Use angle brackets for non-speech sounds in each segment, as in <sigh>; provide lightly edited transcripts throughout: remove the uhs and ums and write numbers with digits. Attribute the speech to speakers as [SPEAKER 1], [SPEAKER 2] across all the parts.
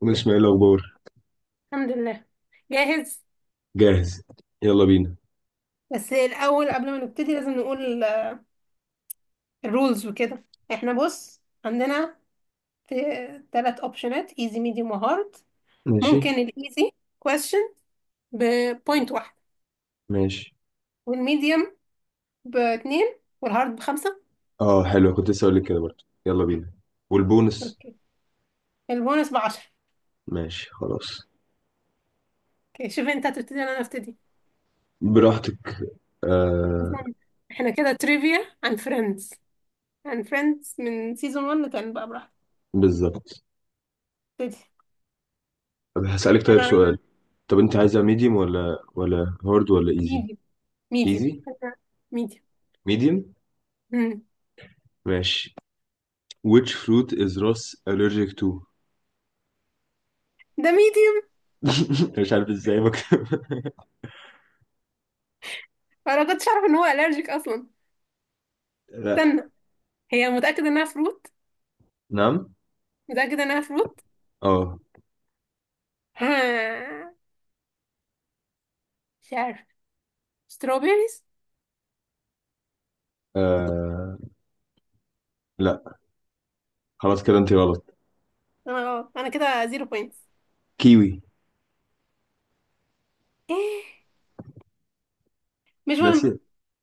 [SPEAKER 1] ومن اسماعيل الاخبار.
[SPEAKER 2] الحمد لله. جاهز.
[SPEAKER 1] جاهز. يلا بينا.
[SPEAKER 2] بس الأول قبل ما نبتدي لازم نقول الرولز وكده. احنا بص عندنا ثلاث اوبشنات، ايزي ميديوم وهارد.
[SPEAKER 1] ماشي.
[SPEAKER 2] ممكن الايزي كويستشن بوينت واحد،
[SPEAKER 1] ماشي.
[SPEAKER 2] والميديوم باتنين، والهارد بخمسة.
[SPEAKER 1] اه حلو، كنت لسه هقول لك كده برضه. يلا بينا. والبونس.
[SPEAKER 2] اوكي، البونص بعشرة.
[SPEAKER 1] ماشي خلاص.
[SPEAKER 2] اوكي، شوف انت هتبتدي ولا انا ابتدي؟
[SPEAKER 1] براحتك. آه.
[SPEAKER 2] اصلا احنا كده تريفيا عن فريندز، من سيزون 1 لكان بقى براحتك،
[SPEAKER 1] بالظبط.
[SPEAKER 2] ابتدي.
[SPEAKER 1] طب هسألك طيب
[SPEAKER 2] انا عايز
[SPEAKER 1] سؤال. طب انت عايزها ميديوم ولا هارد ولا ايزي.
[SPEAKER 2] ميديوم. ميديوم.
[SPEAKER 1] ايزي.
[SPEAKER 2] ميديوم.
[SPEAKER 1] ميديوم. ماشي. which fruit is Ross allergic to? <laughs>
[SPEAKER 2] ده ميديوم.
[SPEAKER 1] مش عارف ازاي بك. <laughs>
[SPEAKER 2] فانا كنتش اعرف ان هو الرجيك اصلا.
[SPEAKER 1] لا.
[SPEAKER 2] استنى، هي متاكده انها فروت؟
[SPEAKER 1] نعم.
[SPEAKER 2] متاكده انها فروت؟
[SPEAKER 1] اه.
[SPEAKER 2] ها، مش عارف، ستروبيريز.
[SPEAKER 1] آه، لا. خلاص كده انت غلط.
[SPEAKER 2] انا غلط، انا كده زيرو بوينتس.
[SPEAKER 1] كيوي.
[SPEAKER 2] ايه، مش
[SPEAKER 1] ناس.
[SPEAKER 2] مهم.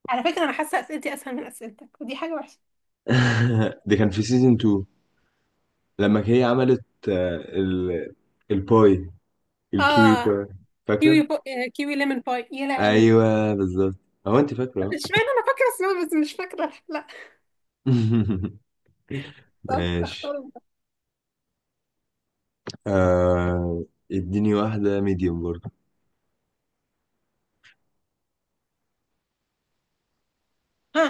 [SPEAKER 2] على فكره انا حاسه اسئلتي اسهل من اسئلتك، ودي حاجه وحشه.
[SPEAKER 1] <laughs> دي كان في سيزون 2، لما هي عملت الباي، الكيوي
[SPEAKER 2] اه،
[SPEAKER 1] باي.
[SPEAKER 2] كيوي
[SPEAKER 1] فاكرة؟
[SPEAKER 2] بو... آه، كيوي ليمون باي، يا لهوي.
[SPEAKER 1] ايوه بالظبط. هو انت
[SPEAKER 2] طب
[SPEAKER 1] فاكرة.
[SPEAKER 2] اشمعنى انا فاكره اسمها، بس مش فاكره، لا.
[SPEAKER 1] <laughs>
[SPEAKER 2] طب اختار
[SPEAKER 1] ماشي.
[SPEAKER 2] انت.
[SPEAKER 1] آه... اديني واحدة ميديوم برضه.
[SPEAKER 2] ها.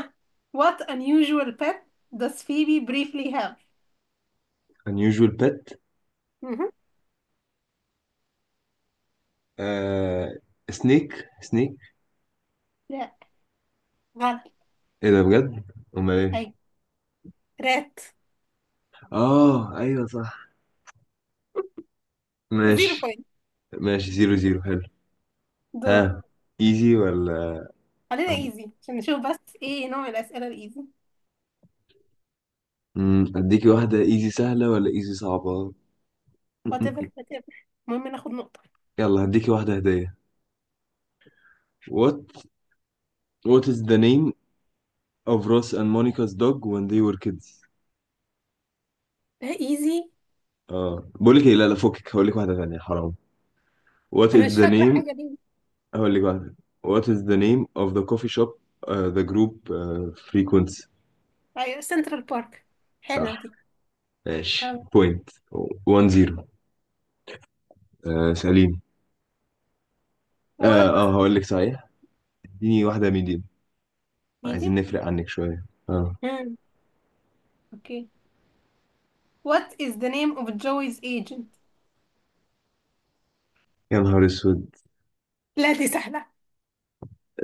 [SPEAKER 2] What unusual pet does Phoebe briefly have?
[SPEAKER 1] unusual pet.
[SPEAKER 2] مهم.
[SPEAKER 1] آه... سنيك. سنيك.
[SPEAKER 2] لا، غلط.
[SPEAKER 1] ايه ده بجد؟ امال ايه؟
[SPEAKER 2] هاي رات.
[SPEAKER 1] اه ايوه صح. ماشي.
[SPEAKER 2] زيرو بوينت.
[SPEAKER 1] ماشي، زيرو زيرو، حلو.
[SPEAKER 2] دول
[SPEAKER 1] ها، ايزي ولا؟
[SPEAKER 2] خلينا ايزي عشان نشوف بس ايه نوع الاسئله الايزي.
[SPEAKER 1] اديكي واحدة ايزي سهلة ولا ايزي صعبة؟
[SPEAKER 2] Whatever,
[SPEAKER 1] <laughs>
[SPEAKER 2] whatever. المهم ناخد نقطه.
[SPEAKER 1] يلا هديكي واحدة هدية. what. what is the name of Ross and Monica's dog when they were kids?
[SPEAKER 2] ده ايزي.
[SPEAKER 1] اه بقول لك ايه، لا لا فكك هقول لك واحدة ثانية، حرام. what
[SPEAKER 2] انا
[SPEAKER 1] is
[SPEAKER 2] مش
[SPEAKER 1] the
[SPEAKER 2] فاكره
[SPEAKER 1] name
[SPEAKER 2] حاجه دي.
[SPEAKER 1] <laughs> هقول لك واحدة. what is the name of the coffee shop the group frequents?
[SPEAKER 2] ايوه، سنترال بارك. حلوه
[SPEAKER 1] صح.
[SPEAKER 2] دي.
[SPEAKER 1] ماشي
[SPEAKER 2] طب.
[SPEAKER 1] point. 1-0. آه سليم. اه
[SPEAKER 2] What?
[SPEAKER 1] اه هقول لك صحيح. اديني واحدة ميديم، عايزين
[SPEAKER 2] Medium.
[SPEAKER 1] نفرق عنك شوية اه.
[SPEAKER 2] مم. اوكي. What is the name of Joey's agent?
[SPEAKER 1] يا نهار اسود.
[SPEAKER 2] لا، دي سهله.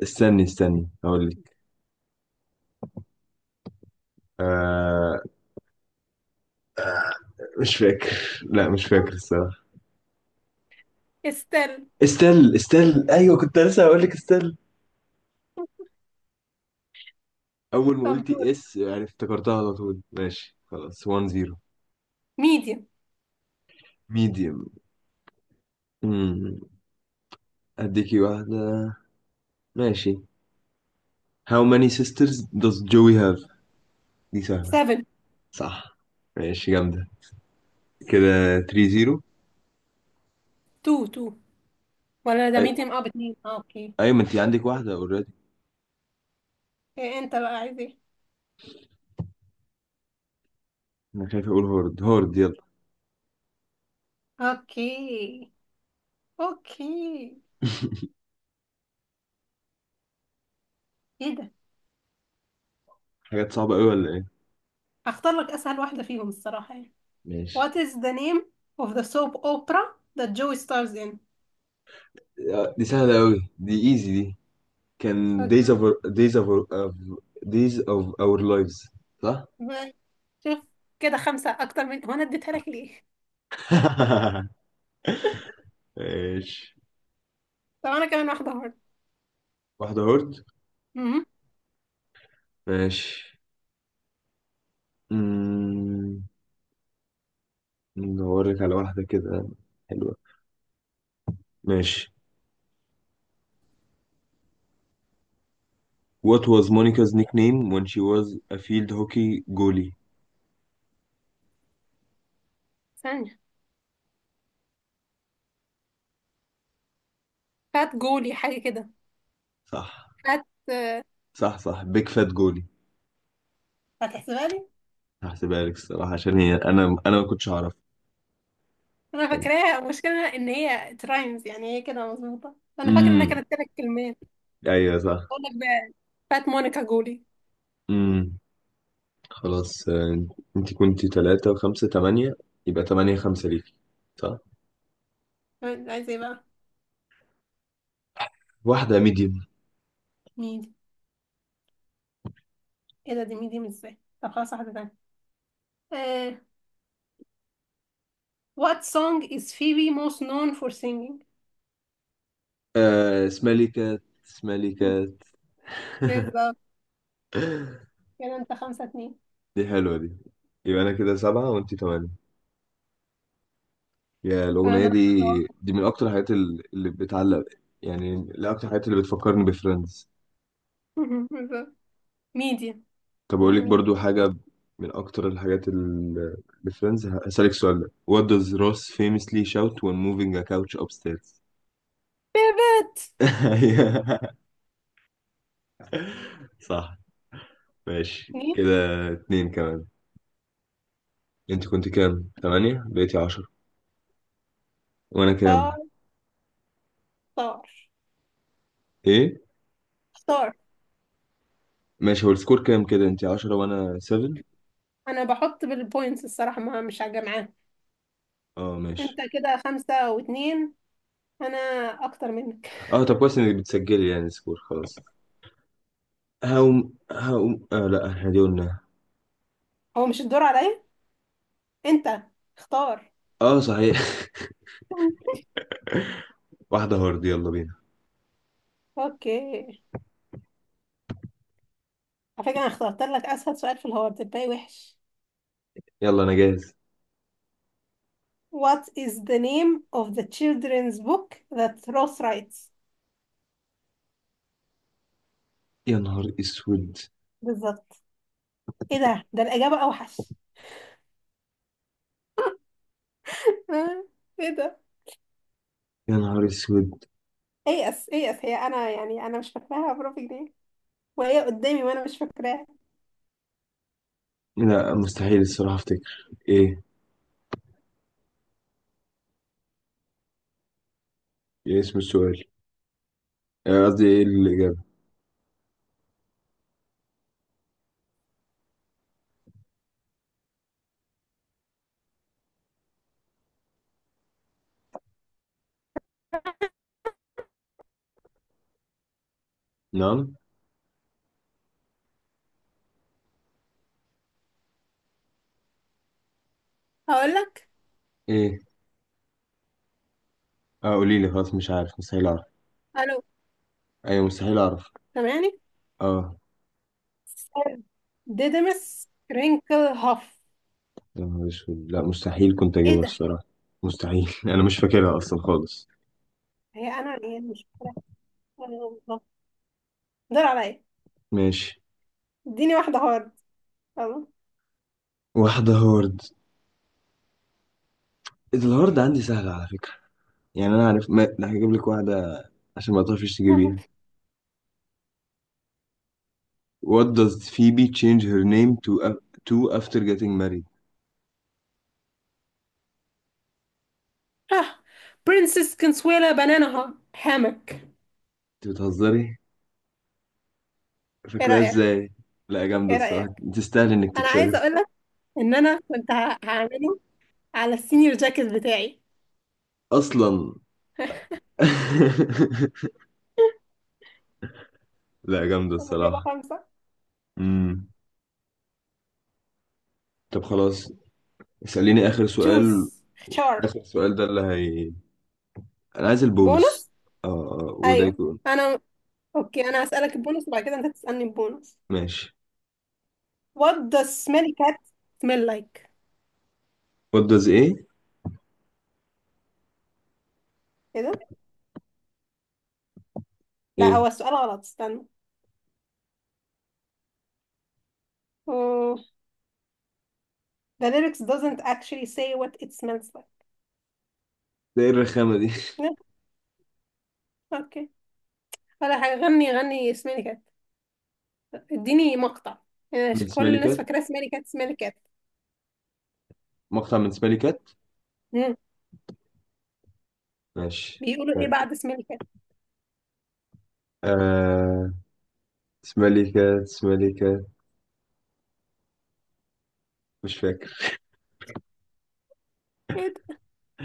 [SPEAKER 1] استني استني هقول لك. آه، مش فاكر. لا مش فاكر الصراحة.
[SPEAKER 2] استل.
[SPEAKER 1] استل. استل ايوه، كنت لسه هقول لك استل. اول ما
[SPEAKER 2] طب
[SPEAKER 1] قلتي
[SPEAKER 2] دول
[SPEAKER 1] اس يعني افتكرتها على طول. ماشي خلاص، 1-0.
[SPEAKER 2] medium.
[SPEAKER 1] ميديوم. امم. اديكي واحده. ماشي. How many sisters does Joey have? دي سهله.
[SPEAKER 2] 7.
[SPEAKER 1] صح. ماشي جامده، كده 3-0.
[SPEAKER 2] 2 2، ولا ده
[SPEAKER 1] أي...
[SPEAKER 2] medium؟ اه باتنين، اه اوكي.
[SPEAKER 1] ايوه، ما انت عندك واحده اوريدي.
[SPEAKER 2] إيه انت بقى عايز ايه؟
[SPEAKER 1] انا خايف اقول هورد. هورد يلا.
[SPEAKER 2] اوكي اوكي. ايه ده؟
[SPEAKER 1] حاجات صعبه قوي ولا ايه؟
[SPEAKER 2] اختار لك اسهل واحده فيهم الصراحه يعني.
[SPEAKER 1] ماشي.
[SPEAKER 2] What is the name of the soap opera that Joey stars in?
[SPEAKER 1] آه، دي سهله قوي دي، ايزي دي. كان
[SPEAKER 2] أوكي.
[SPEAKER 1] days of of- days of our lives. صح.
[SPEAKER 2] مم. شوف، كده خمسة أكتر من هو، أنا اديتها لك ليه؟
[SPEAKER 1] <laughs> ماشي.
[SPEAKER 2] طب أنا كمان واحدة برضه.
[SPEAKER 1] واحدة هورد.
[SPEAKER 2] مهم.
[SPEAKER 1] ماشي. مم، ندور لك على واحدة كده حلوة. ماشي. What was Monica's nickname when she was a field hockey goalie?
[SPEAKER 2] ثانية. فات جولي حاجة كده.
[SPEAKER 1] صح.
[SPEAKER 2] فات آه،
[SPEAKER 1] صح صح، big fat goalie.
[SPEAKER 2] هتحسبها لي؟
[SPEAKER 1] هحسبها لك الصراحة، عشان هي أنا ما كنتش أعرف.
[SPEAKER 2] أنا فاكراها، المشكلة إن هي ترايمز، يعني هي كده مظبوطة، أنا فاكرة إنها
[SPEAKER 1] امم.
[SPEAKER 2] كانت تلات كلمات.
[SPEAKER 1] أيوة صح.
[SPEAKER 2] أقول لك بقى، فات مونيكا جولي.
[SPEAKER 1] امم. خلاص. آه، أنت كنت تلاتة وخمسة تمانية، يبقى تمانية خمسة ليكي. صح.
[SPEAKER 2] عايزة إيه بقى؟
[SPEAKER 1] واحدة ميديوم.
[SPEAKER 2] ميدي. إيه ده، دي ميدي مش إزاي؟ طب خلاص، واحدة تانية. آه، What song is Phoebe most known for singing؟
[SPEAKER 1] آه اسمها لي كات، اسمها لي
[SPEAKER 2] <laughs>
[SPEAKER 1] كات.
[SPEAKER 2] بالظبط.
[SPEAKER 1] <laughs>
[SPEAKER 2] كده انت خمسة اتنين.
[SPEAKER 1] دي حلوة دي. يبقى أنا كده سبعة وأنتي تمانية. يا الأغنية
[SPEAKER 2] انا اختار.
[SPEAKER 1] دي، دي من أكتر الحاجات اللي بتعلق، يعني من أكتر الحاجات اللي بتفكرني بفريندز.
[SPEAKER 2] <laughs> ميديا.
[SPEAKER 1] طب أقول
[SPEAKER 2] خلينا
[SPEAKER 1] لك
[SPEAKER 2] ميديا.
[SPEAKER 1] برضو حاجة، من أكتر الحاجات بفريندز. هسألك سؤال ده. What does Ross famously shout when moving a couch upstairs؟
[SPEAKER 2] بيبت.
[SPEAKER 1] <laughs> أيوة. صح. ماشي
[SPEAKER 2] اتنين.
[SPEAKER 1] كده. اتنين كمان. أنت كنت كام؟ تمانية، بقيتي عشرة. وأنا كام؟
[SPEAKER 2] اختار اختار
[SPEAKER 1] إيه؟
[SPEAKER 2] اختار.
[SPEAKER 1] ماشي، هو السكور كام كده؟ أنت عشرة وأنا سفن؟
[SPEAKER 2] انا بحط بالبوينتس الصراحة، ما مش هجمعاها.
[SPEAKER 1] اه
[SPEAKER 2] انت
[SPEAKER 1] ماشي.
[SPEAKER 2] كده خمسة واتنين، انا اكتر منك.
[SPEAKER 1] اه طب كويس انك بتسجلي يعني سكور. خلاص، هقوم هقوم آه، لا احنا دي قلنا.
[SPEAKER 2] هو مش الدور عليا، انت اختار.
[SPEAKER 1] اه صحيح. <laughs> واحدة هارد، يلا بينا.
[SPEAKER 2] اوكي. على فكرة انا اخترت لك اسهل سؤال في الهارد، الباقي وحش.
[SPEAKER 1] يلا انا جاهز.
[SPEAKER 2] What is the name of the children's book that Rose writes?
[SPEAKER 1] يا نهار اسود.
[SPEAKER 2] بالظبط. ايه ده الاجابة اوحش. <laughs> ايه ده.
[SPEAKER 1] يا نهار اسود،
[SPEAKER 2] ايأس ايأس، هي انا يعني انا مش فاكراها بربع جنيه وهي قدامي وانا مش فاكراها.
[SPEAKER 1] لا مستحيل الصراحة افتكر ايه. ايه اسم السؤال، آه، قصدي ايه الاجابة؟ نعم.
[SPEAKER 2] هقول لك.
[SPEAKER 1] ايه؟ اه قولي لي، خلاص مش عارف، مستحيل اعرف.
[SPEAKER 2] الو،
[SPEAKER 1] ايوه مستحيل اعرف.
[SPEAKER 2] سامعني؟
[SPEAKER 1] اه.
[SPEAKER 2] ديدمس رينكل هاف.
[SPEAKER 1] يا نهار اسود، لا مستحيل، كنت
[SPEAKER 2] ايه
[SPEAKER 1] اجيبها
[SPEAKER 2] ده.
[SPEAKER 1] الصراحة. مستحيل. <laughs> انا مش فاكرها اصلا خالص.
[SPEAKER 2] هي انا يعني مش فاكراها. الله. دور عليا.
[SPEAKER 1] ماشي.
[SPEAKER 2] اديني واحده هارد، يلا.
[SPEAKER 1] واحدة هارد. الهارد عندي سهلة على فكرة، يعني انا عارف ما... ده هجيب لك واحده عشان ما تعرفيش تجيبيها.
[SPEAKER 2] <laughs>
[SPEAKER 1] What does Phoebe change her name to to after getting married?
[SPEAKER 2] ها. برنسس كنسويلا بنانا هامك.
[SPEAKER 1] انت بتهزري،
[SPEAKER 2] ايه
[SPEAKER 1] فاكراها
[SPEAKER 2] رايك؟
[SPEAKER 1] ازاي؟ لا جامده
[SPEAKER 2] ايه
[SPEAKER 1] الصراحه،
[SPEAKER 2] رايك؟
[SPEAKER 1] تستاهل انك
[SPEAKER 2] انا عايزه
[SPEAKER 1] تكسبها
[SPEAKER 2] اقول لك ان انا كنت هعمله على السينيور جاكيت بتاعي.
[SPEAKER 1] اصلا. <laughs> لا جامده
[SPEAKER 2] انا كده
[SPEAKER 1] الصراحه.
[SPEAKER 2] خمسه.
[SPEAKER 1] امم. طب خلاص، اساليني اخر سؤال.
[SPEAKER 2] تشوز، اختار.
[SPEAKER 1] اخر سؤال ده اللي هي، انا عايز البونس.
[SPEAKER 2] بونص.
[SPEAKER 1] اه آه، وده
[SPEAKER 2] ايوه
[SPEAKER 1] يكون.
[SPEAKER 2] انا. اوكي انا هسألك البونص وبعد كده انت تسألني البونص.
[SPEAKER 1] ماشي.
[SPEAKER 2] What does smelly cat smell like?
[SPEAKER 1] What does ايه؟
[SPEAKER 2] كده. لا،
[SPEAKER 1] ايه
[SPEAKER 2] هو السؤال غلط، استنى. مم. The lyrics doesn't actually say what it smells like.
[SPEAKER 1] ده، ايه الرخامه دي؟
[SPEAKER 2] لا، اوكي. ولا حاجة، غني غني smelly cat. اديني مقطع، يعني
[SPEAKER 1] <laughs> من
[SPEAKER 2] عشان كل
[SPEAKER 1] سمالي
[SPEAKER 2] الناس
[SPEAKER 1] كات،
[SPEAKER 2] فاكرة smelly cat smelly cat.
[SPEAKER 1] مقطع من سمالي كات.
[SPEAKER 2] مم.
[SPEAKER 1] ماشي.
[SPEAKER 2] بيقولوا ايه بعد smelly cat؟
[SPEAKER 1] آه... سماليكات سماليكات، مش فاكر.
[SPEAKER 2] ايه ده.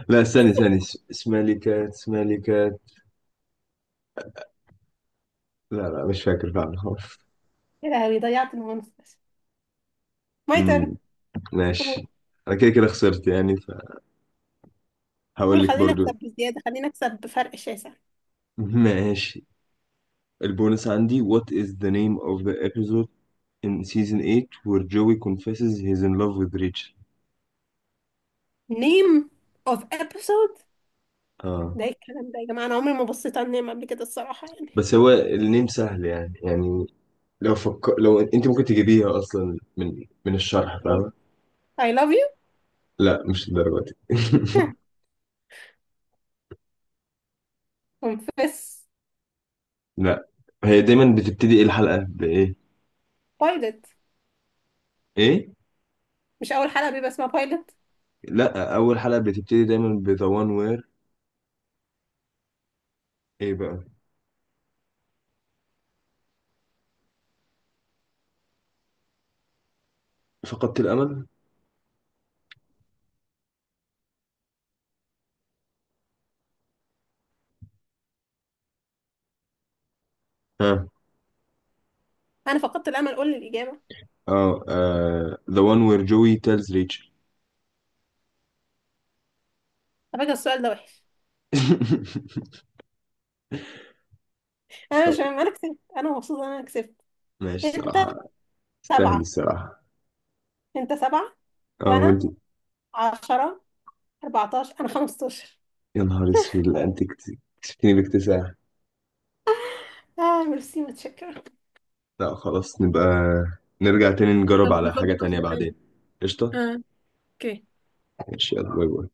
[SPEAKER 1] لا استني استني، سماليكات سماليكات. لا لا مش فاكر فعلا. <laughs> خالص.
[SPEAKER 2] ايه لهوي، ضيعت البونص. My
[SPEAKER 1] امم.
[SPEAKER 2] turn. قول.
[SPEAKER 1] ماشي. انا كده كده خسرت يعني، فهقول
[SPEAKER 2] قول
[SPEAKER 1] لك
[SPEAKER 2] خلينا نكسب
[SPEAKER 1] برضو.
[SPEAKER 2] بزيادة، خلينا نكسب بفرق شاسع.
[SPEAKER 1] <laughs> ماشي. البونس عندي: what is the name of the episode in season 8 where Joey confesses he's in love with Rachel?
[SPEAKER 2] Name of episode.
[SPEAKER 1] اه.
[SPEAKER 2] ده ايه الكلام ده يا جماعة، انا عمري ما بصيت على النعمة قبل كده الصراحة يعني.
[SPEAKER 1] بس هو النيم سهل يعني يعني، لو لو انت ممكن تجيبيها اصلا من الشرح
[SPEAKER 2] إيه؟
[SPEAKER 1] فاهمه.
[SPEAKER 2] I love you.
[SPEAKER 1] لا مش الدرجه دي. <laughs>
[SPEAKER 2] <laughs> confess.
[SPEAKER 1] لا، هي دايما بتبتدي ايه الحلقة بإيه؟
[SPEAKER 2] Pilot.
[SPEAKER 1] ايه؟
[SPEAKER 2] مش اول حلقة بيبقى اسمها pilot؟
[SPEAKER 1] لا، أول حلقة بتبتدي دايما ب The One Where. ايه بقى؟ فقدت الأمل؟ ها.
[SPEAKER 2] انا فقدت الامل، قول لي الاجابة.
[SPEAKER 1] اه آه، The One Where Joey Tells Rachel.
[SPEAKER 2] على فكرة السؤال ده وحش.
[SPEAKER 1] <laughs>
[SPEAKER 2] انا مش
[SPEAKER 1] طب،
[SPEAKER 2] فاهم، انا كسبت، انا مبسوطة ان انا كسبت.
[SPEAKER 1] ماشي
[SPEAKER 2] انت
[SPEAKER 1] الصراحة، تستاهل
[SPEAKER 2] سبعة،
[SPEAKER 1] الصراحة.
[SPEAKER 2] انت سبعة،
[SPEAKER 1] اه وانت.
[SPEAKER 2] وانا عشرة. 14، انا 15.
[SPEAKER 1] يا نهار اسود، لا انت كسبتني باكتساح.
[SPEAKER 2] اه ميرسي، متشكرة.
[SPEAKER 1] لا خلاص، نبقى نرجع تاني نجرب
[SPEAKER 2] طب
[SPEAKER 1] على حاجة
[SPEAKER 2] نظبط
[SPEAKER 1] تانية
[SPEAKER 2] واحدة تانية.
[SPEAKER 1] بعدين. قشطة؟
[SPEAKER 2] اه اوكي.
[SPEAKER 1] ماشي يلا، باي باي.